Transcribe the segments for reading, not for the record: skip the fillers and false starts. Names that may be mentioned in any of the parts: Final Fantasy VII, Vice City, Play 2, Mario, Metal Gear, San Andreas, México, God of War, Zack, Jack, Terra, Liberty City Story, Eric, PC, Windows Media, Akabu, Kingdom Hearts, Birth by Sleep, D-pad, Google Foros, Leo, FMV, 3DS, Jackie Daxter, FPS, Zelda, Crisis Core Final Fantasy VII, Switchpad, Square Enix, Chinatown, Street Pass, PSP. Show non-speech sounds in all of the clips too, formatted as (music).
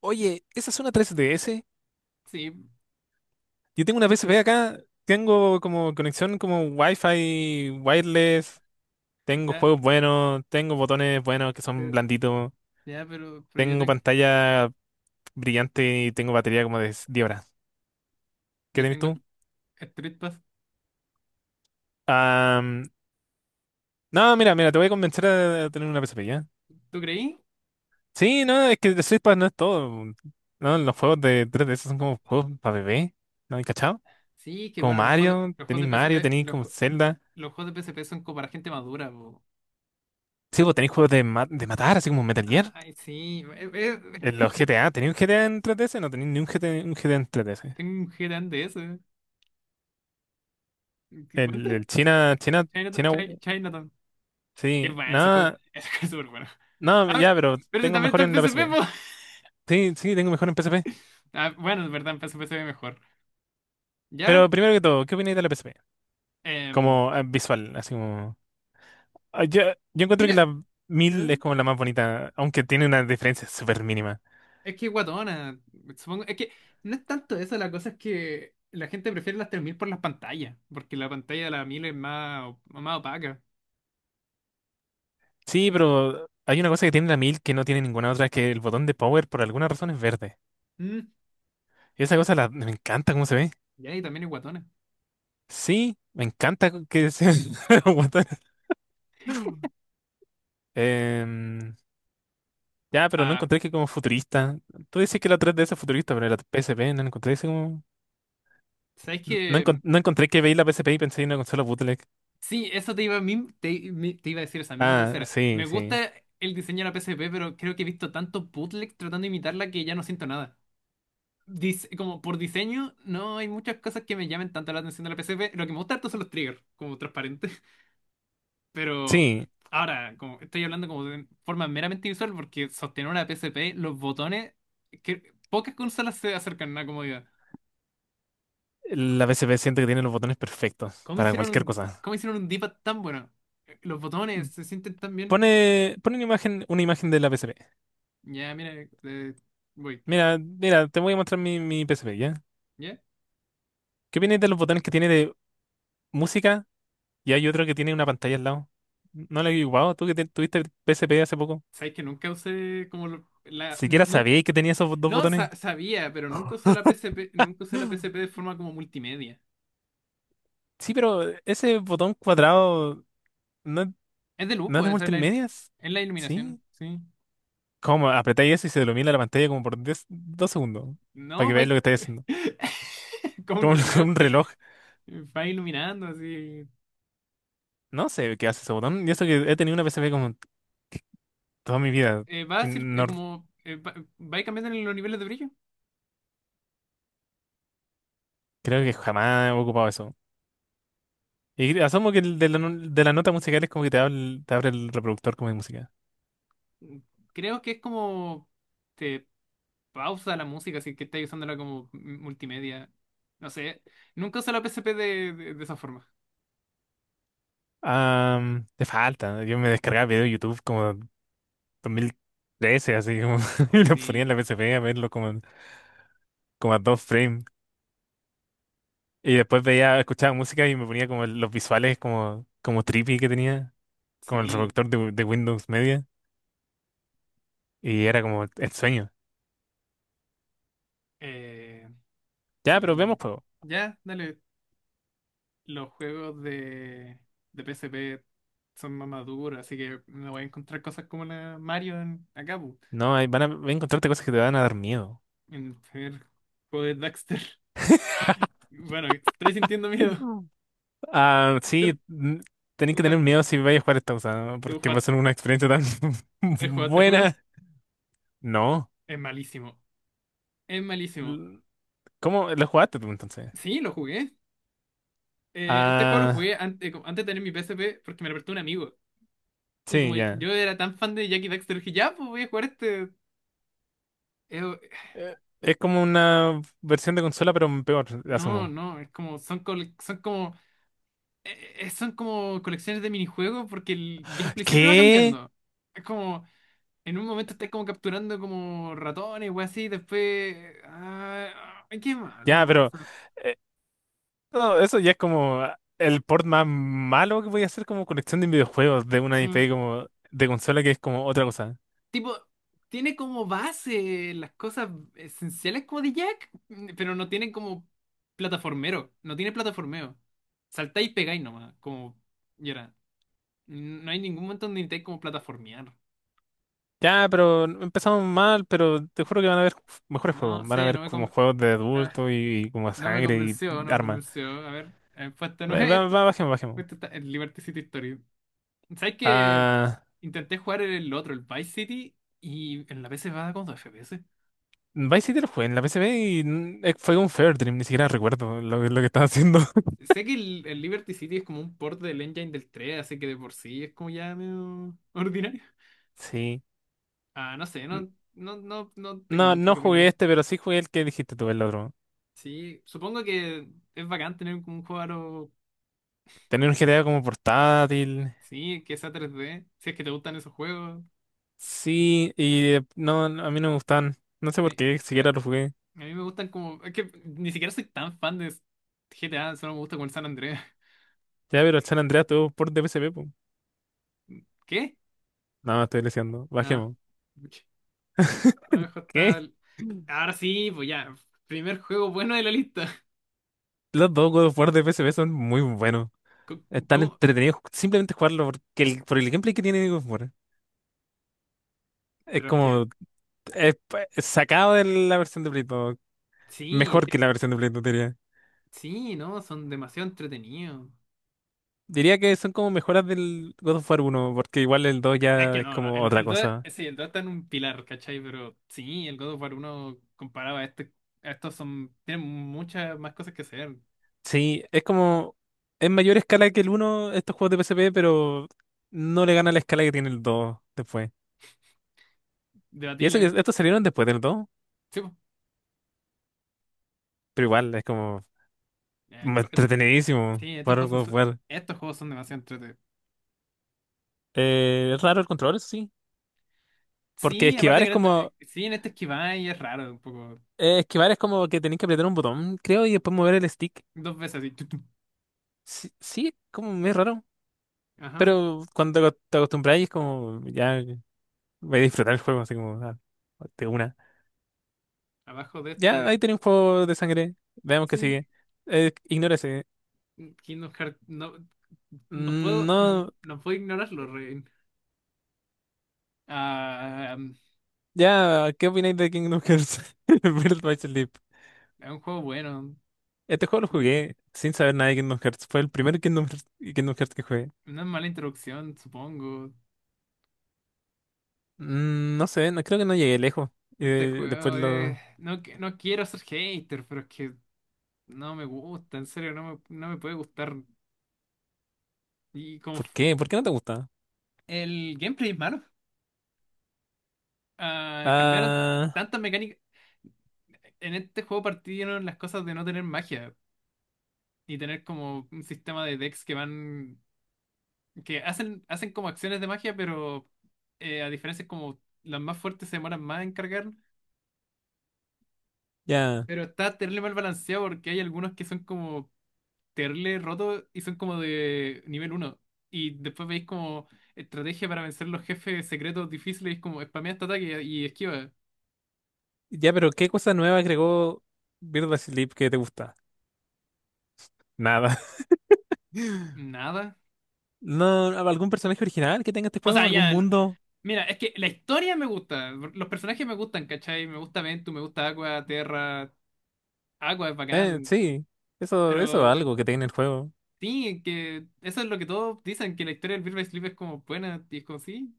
Oye, ¿esa es una 3DS? Sí, Yo tengo una PSP acá, tengo como conexión como Wi-Fi, wireless, tengo ya, juegos buenos, tengo botones buenos que son pero, blanditos, ya, tengo pantalla brillante y tengo batería como de 10 horas. ¿Qué yo tenés tengo tú? Street Pass. Am, no, mira, mira, te voy a convencer a tener una PSP, ¿ya? ¿Tú creí? Sí, no, es que el Switchpad no es todo. No, los juegos de 3DS son como juegos para bebé, ¿no? ¿Hay cachado? Sí, que Como bueno, los juegos de Mario, PSP, tenéis los, como ju- Zelda. los juegos de PSP son como para gente madura, po. Sí, vos tenéis juegos de, de matar, así como Metal Gear. Ay, sí, En los GTA, ¿tenéis un GTA en 3DS? No tenéis ni un GTA, un GTA en 3DS. tengo un GTAN de eso. ¿Qué cuenta? El China, China, China, Chinatown. Qué sí, bueno ese juego. nada, (laughs) Ese juego es súper bueno. nada, Ah, ya, pero pero ese tengo también está mejor en en la PSP, PSP. po. Sí, sí, tengo mejor en PSP. Ah, bueno, es verdad, en PSP se ve mejor. Ya, Pero primero que todo, ¿qué opináis de la PSP? em, Como visual, así como. Ah, yo encuentro que mira. la ¿Eh? 1000 es como la más bonita, aunque tiene una diferencia súper mínima. Es que guatona, supongo, es que no es tanto eso. La cosa es que la gente prefiere las 3000 por las pantallas, porque la pantalla de la 1000 es más opaca. Sí, pero hay una cosa que tiene la mil que no tiene ninguna otra, es que el botón de power por alguna razón es verde. Mm, Y esa cosa me encanta cómo se ve. ya, y también es guatona. Sí, me encanta que sea (laughs) guatón. Em, ya, pero no Ah, encontré que como futurista. Tú dices que la 3DS es futurista, pero la PSP no encontré ese como. ¿sabes No, qué? No encontré que veí la PSP y pensé en una consola bootleg. Sí, eso te iba a decir esa misma Ah, lecera. sí, Me sí. gusta el diseño de la PSP, pero creo que he visto tanto bootleg tratando de imitarla que ya no siento nada. Como por diseño, no hay muchas cosas que me llamen tanto la atención de la PSP. Lo que me gusta harto son los triggers, como transparentes. Pero Sí, ahora, como estoy hablando como de forma meramente visual, porque sostener una P S P, los botones, que pocas consolas se acercan a una comodidad. C- la PSP siento que tiene los botones perfectos para cualquier cosa. cómo hicieron un D-pad tan bueno? Los botones se sienten tan bien. Pone una imagen de la PSP. Ya, mira, eh, voy. Mira, mira, te voy a mostrar mi PSP, ¿ya? ¿Ya? ¿Qué opinas de los botones que tiene de música? Y hay otro que tiene una pantalla al lado. ¿No lo he ocupado? ¿Tú que tuviste PSP hace poco? ¿Sabes que nunca usé como ¿Siquiera sabíais que tenía esos dos No, botones? Sabía, pero nunca usé (gasps) la P S P nunca usé la P S P de forma como multimedia. Sí, pero ese botón cuadrado no, Es de luz, no es de pues, esa es la, il- multimedias. es la iluminación, ¿Sí? sí. ¿Cómo? Apretáis eso y se ilumina la pantalla como por 10 dos segundos. Para No, que va veáis lo que estáis haciendo. (laughs) como un Como (laughs) reloj. un, eh, reloj. va iluminando así. No sé qué hace ese botón. Y eso que he tenido una PSP como toda mi vida. Va Y a ser no como. Va cambiando en los niveles de brillo. creo que jamás he ocupado eso. Y asumo que el de la, de la nota musical es como que te abre, te abre el reproductor como de música. Creo que es como. Te pausa la música, así que estás usándola como multimedia. No sé. Nunca usé la P PSP de esa forma. Te falta. Yo me descargaba video de YouTube como 2013, así como (laughs) y lo ponía en Sí, la PSP a verlo como, como a dos frames. Y después veía, escuchaba música y me ponía como los visuales como, trippy que tenía, como el sí. reproductor de Windows Media. Y era como el sueño. Eh, Ya, pero vemos sí. juego. Ya, dale. Los juegos de P S P son más maduros, así que me voy a encontrar cosas como la Mario en Akabu. No, ahí van a, encontrarte cosas que te van a dar miedo. En el primer juego de Daxter. Bueno, estoy sintiendo miedo. Mm. Ah, ¿Tú, sí, tenés tú que tener jue- miedo si vais a jugar esta cosa, ¿no? tú Porque va a jue- ser una experiencia tan has (laughs) jugado este juego? buena. No. Es malísimo. Es malísimo. ¿Cómo lo jugaste tú entonces? Sí, lo jugué. Este juego lo jugué Ah, antes de tener mi PSP porque me lo prestó un amigo. Y sí, como ya. yo era tan fan de Jackie Daxter, dije, ya, pues voy a jugar este. Eh, Eh, Es como una versión de consola, pero peor, no, asumo. no, es como, son, son como colecciones de minijuegos porque el gameplay siempre va ¿Qué? cambiando. Es como, en un momento estás como capturando como ratones o así, después... ay, qué malo, Ya, ¿no? O pero sea, eh, no, eso ya es como el port más malo que voy a hacer como colección de videojuegos de una sí. IP como de consola que es como otra cosa. Tipo, tiene como base las cosas esenciales como de Jack, pero no tiene como plataformero, no tiene plataformeo. Saltáis y pegáis nomás, como y ahora, No hay ningún momento donde intentáis como plataformear. Ya, pero empezamos mal, pero te juro que van a haber mejores No juegos. Van a sé, haber como juegos de ah, adulto y como no me sangre convenció, y no me armas. convenció. A ver, puesto Va, 9, (laughs) va, esto, va, bajemos, bajemos. puesto está el Liberty City Story. ¿Sabes que Ah, intenté jugar el otro, el Vice City, y en la PC va como 2 FPS? Vice City lo jugué en la PSP y fue un Fair Dream, ni siquiera recuerdo lo que estaba haciendo. (laughs) Sé que el Liberty City es como un port del engine del tres, así que de por sí es como ya medio (laughs) ordinario. Sí. Ah, no sé, N- no, no, no, no tengo No, mucho no que jugué opinar. este, pero sí jugué el que dijiste tú, el otro. Sí, supongo que es bacán tener como un juego aro, Tenía un GTA como portátil. sí, que sea 3D si es que te gustan esos juegos. Sí, y no, no, a mí no me gustaban. No sé por Eh, qué, A, siquiera a lo jugué. mí me gustan como, es que ni siquiera soy tan fan de GTA, solo me gusta con el San Andreas. (laughs) Ya, pero el San Andreas tuvo port de PSP, po. ¿Qué? No, estoy deseando. Ah, Bajemos. pucha. Abajo está... ¿Qué? Ahora sí, pues ya, primer juego bueno de la lista. (laughs) Los dos juegos of War de PSP son muy buenos. (laughs) Co- Están ¿Cómo? entretenidos simplemente jugarlo porque por el gameplay que tiene God of War. Es Pero es que... como es sacado de la versión de Play 2. Sí, Mejor que la versión de Play 2, diría. sí, ¿no? Son demasiado entretenidos. Diría que son como mejoras del God of War uno porque igual el 2 Es ya que es no, no, como el, otra el 2, cosa. sí, el 2 está en un pilar, ¿cachai? Pero sí, el God of War 1 comparado a estos tienen muchas más cosas que hacer, Sí, es como en mayor escala que el uno estos juegos de PSP, pero no le gana la escala que tiene el 2 después. Y eso que debatiblemente. estos salieron después del 2 Sí, po. pero igual es como Eh, esto- eh, entretenidísimo sí, estos jugar un juegos God of War. Son demasiado entretenidos. Es raro el control, eso sí, porque Sí, esquivar aparte que es como en este esquiváis es raro, un poco, que tenés que apretar un botón, creo, y después mover el stick. dos veces así, tu. Sí, sí, es como es raro. Ajá, Pero cuando te te acostumbras es como, ya voy a disfrutar el juego, así como, ah, de una. abajo de Ya, ahí este, tenés un juego de sangre, veamos qué sí. sigue. Ignora ese. Kingdom Hearts, no, no puedo, No, no puedo ignorarlo, Rein. Ah, ya, ¿qué opináis de Kingdom Hearts? (laughs) Birth by Sleep. es un juego bueno, Este juego lo jugué sin saber nada de Kingdom Hearts. Fue el primer Kingdom Hearts que jugué. una mala introducción, supongo. No sé, no, creo que no llegué lejos. Este Después juego es... lo... No, no quiero ser hater, pero es que no me gusta, en serio, no me puede gustar. Y como ¿Por fu- qué? ¿Por qué no te gusta? el gameplay es malo. Ah, cambiaron Ah, tantas mecánicas. En este juego partieron las cosas de no tener magia y tener como un sistema de decks que van... hacen como acciones de magia, pero a diferencia es como las más fuertes se demoran más en cargar. ya. Pero está terrible mal balanceado porque hay algunos que son como terrible rotos y son como de nivel uno. Y después veis como estrategia para vencer los jefes secretos difíciles, como spamea este ataque y esquiva. Ya, pero ¿qué cosa nueva agregó Birth by Sleep que te gusta? Nada. Nada. No, algún personaje original que tenga este O juego, sea, algún ya. Mundo. Mira, es que la historia me gusta. Los personajes me gustan, ¿cachai? Me gusta Ventu, me gusta Aqua, Terra. Aqua es bacán. Sí, eso es Pero algo que tiene el juego. sí, que eso es lo que todos dicen, que la historia del Birth by Sleep es como buena. Y es como sí.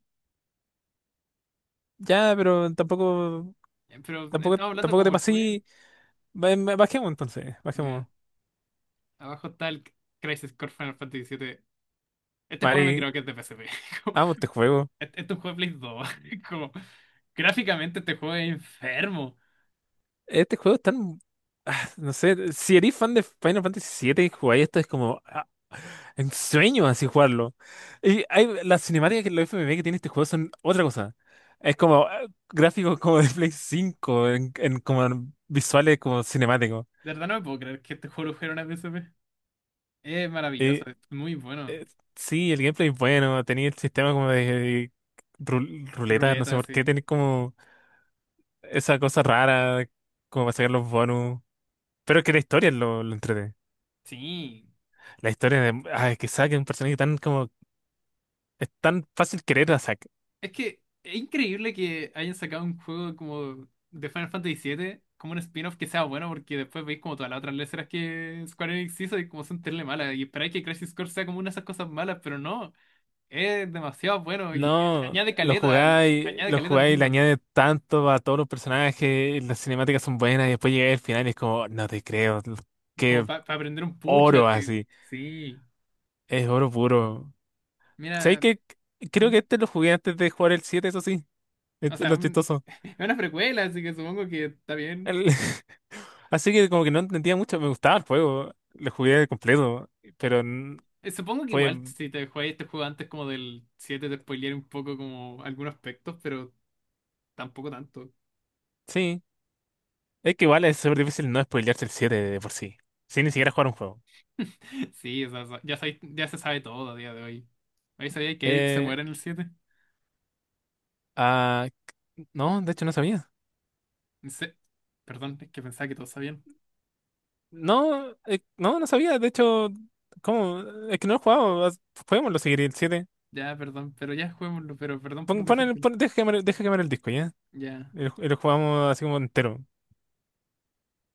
Ya, pero tampoco, Pero estamos hablando tampoco te como el juego. pasí. Bajemos entonces, Ya. bajemos. Abajo está el Crisis Core Final Fantasy VII. Este juego no me Mari, creo que es de PSP. (laughs) Como, amo este juego. este es un juego de Play 2. (laughs) Como, gráficamente este juego es enfermo. Este juego es tan, no sé, si eres fan de Final Fantasy VII y jugáis esto es como ah, un sueño así jugarlo. Y hay, las cinemáticas que los FMV que tiene este juego son otra cosa. Es como ah, gráficos como de Play 5 en como en visuales como cinemáticos. De verdad no me puedo creer que este juego lo fuera una PSP. Es maravilloso, es muy bueno. Sí, el gameplay es bueno, tenía el sistema como de ruleta, no sé Ruleta, por qué, sí. tenía como esa cosa rara, como para sacar los bonus. Pero es que la historia lo entretiene. Sí. La historia de ay, que Zack es un personaje tan como. Es tan fácil querer a Zack. Es que es increíble que hayan sacado un juego como de Final Fantasy VII, como un spin-off que sea bueno, porque después veis como todas las otras letras que Square Enix hizo y como son terrible malas. Y esperáis que Crisis Core sea como una de esas cosas malas, pero no. Es demasiado bueno y No, añade lo caleta al jugáis, le mundo. añade tanto a todos los personajes, las cinemáticas son buenas, y después llega el final y es como, "Oh, no te creo, Es como qué para aprender un pucha, oro así. así. Sí. Es oro puro. ¿Sabes Mira, que Creo que mm, este lo jugué antes de jugar el 7, eso sí. o Es sea, lo chistoso. (laughs) es una precuela, así que supongo que está bien. El- (laughs) Así que como que no entendía mucho. Me gustaba el juego. Lo jugué completo. Pero Supongo que fue... igual si te juegas este juego antes como del 7 te spoilearé un poco como algunos aspectos, pero tampoco tanto. Sí. Es que igual es súper difícil no spoilearse el 7 de por sí. Sin ni siquiera jugar un juego. (laughs) Sí, o sea, ya se sabe todo a día de hoy. ¿Ahí sabía que Eric se Eh, muere en el siete? ah, no, de hecho no sabía. En se- Perdón, es que pensaba que todos sabían. No, no, no sabía. De hecho, ¿cómo? Es que no lo he jugado. Juguémoslo seguir el siete. Ya, perdón, pero ya juguémoslo, pero perdón por decírtelo. Deja quemar, deja quemar el disco, ¿ya? Ya. Y lo jugamos así como entero.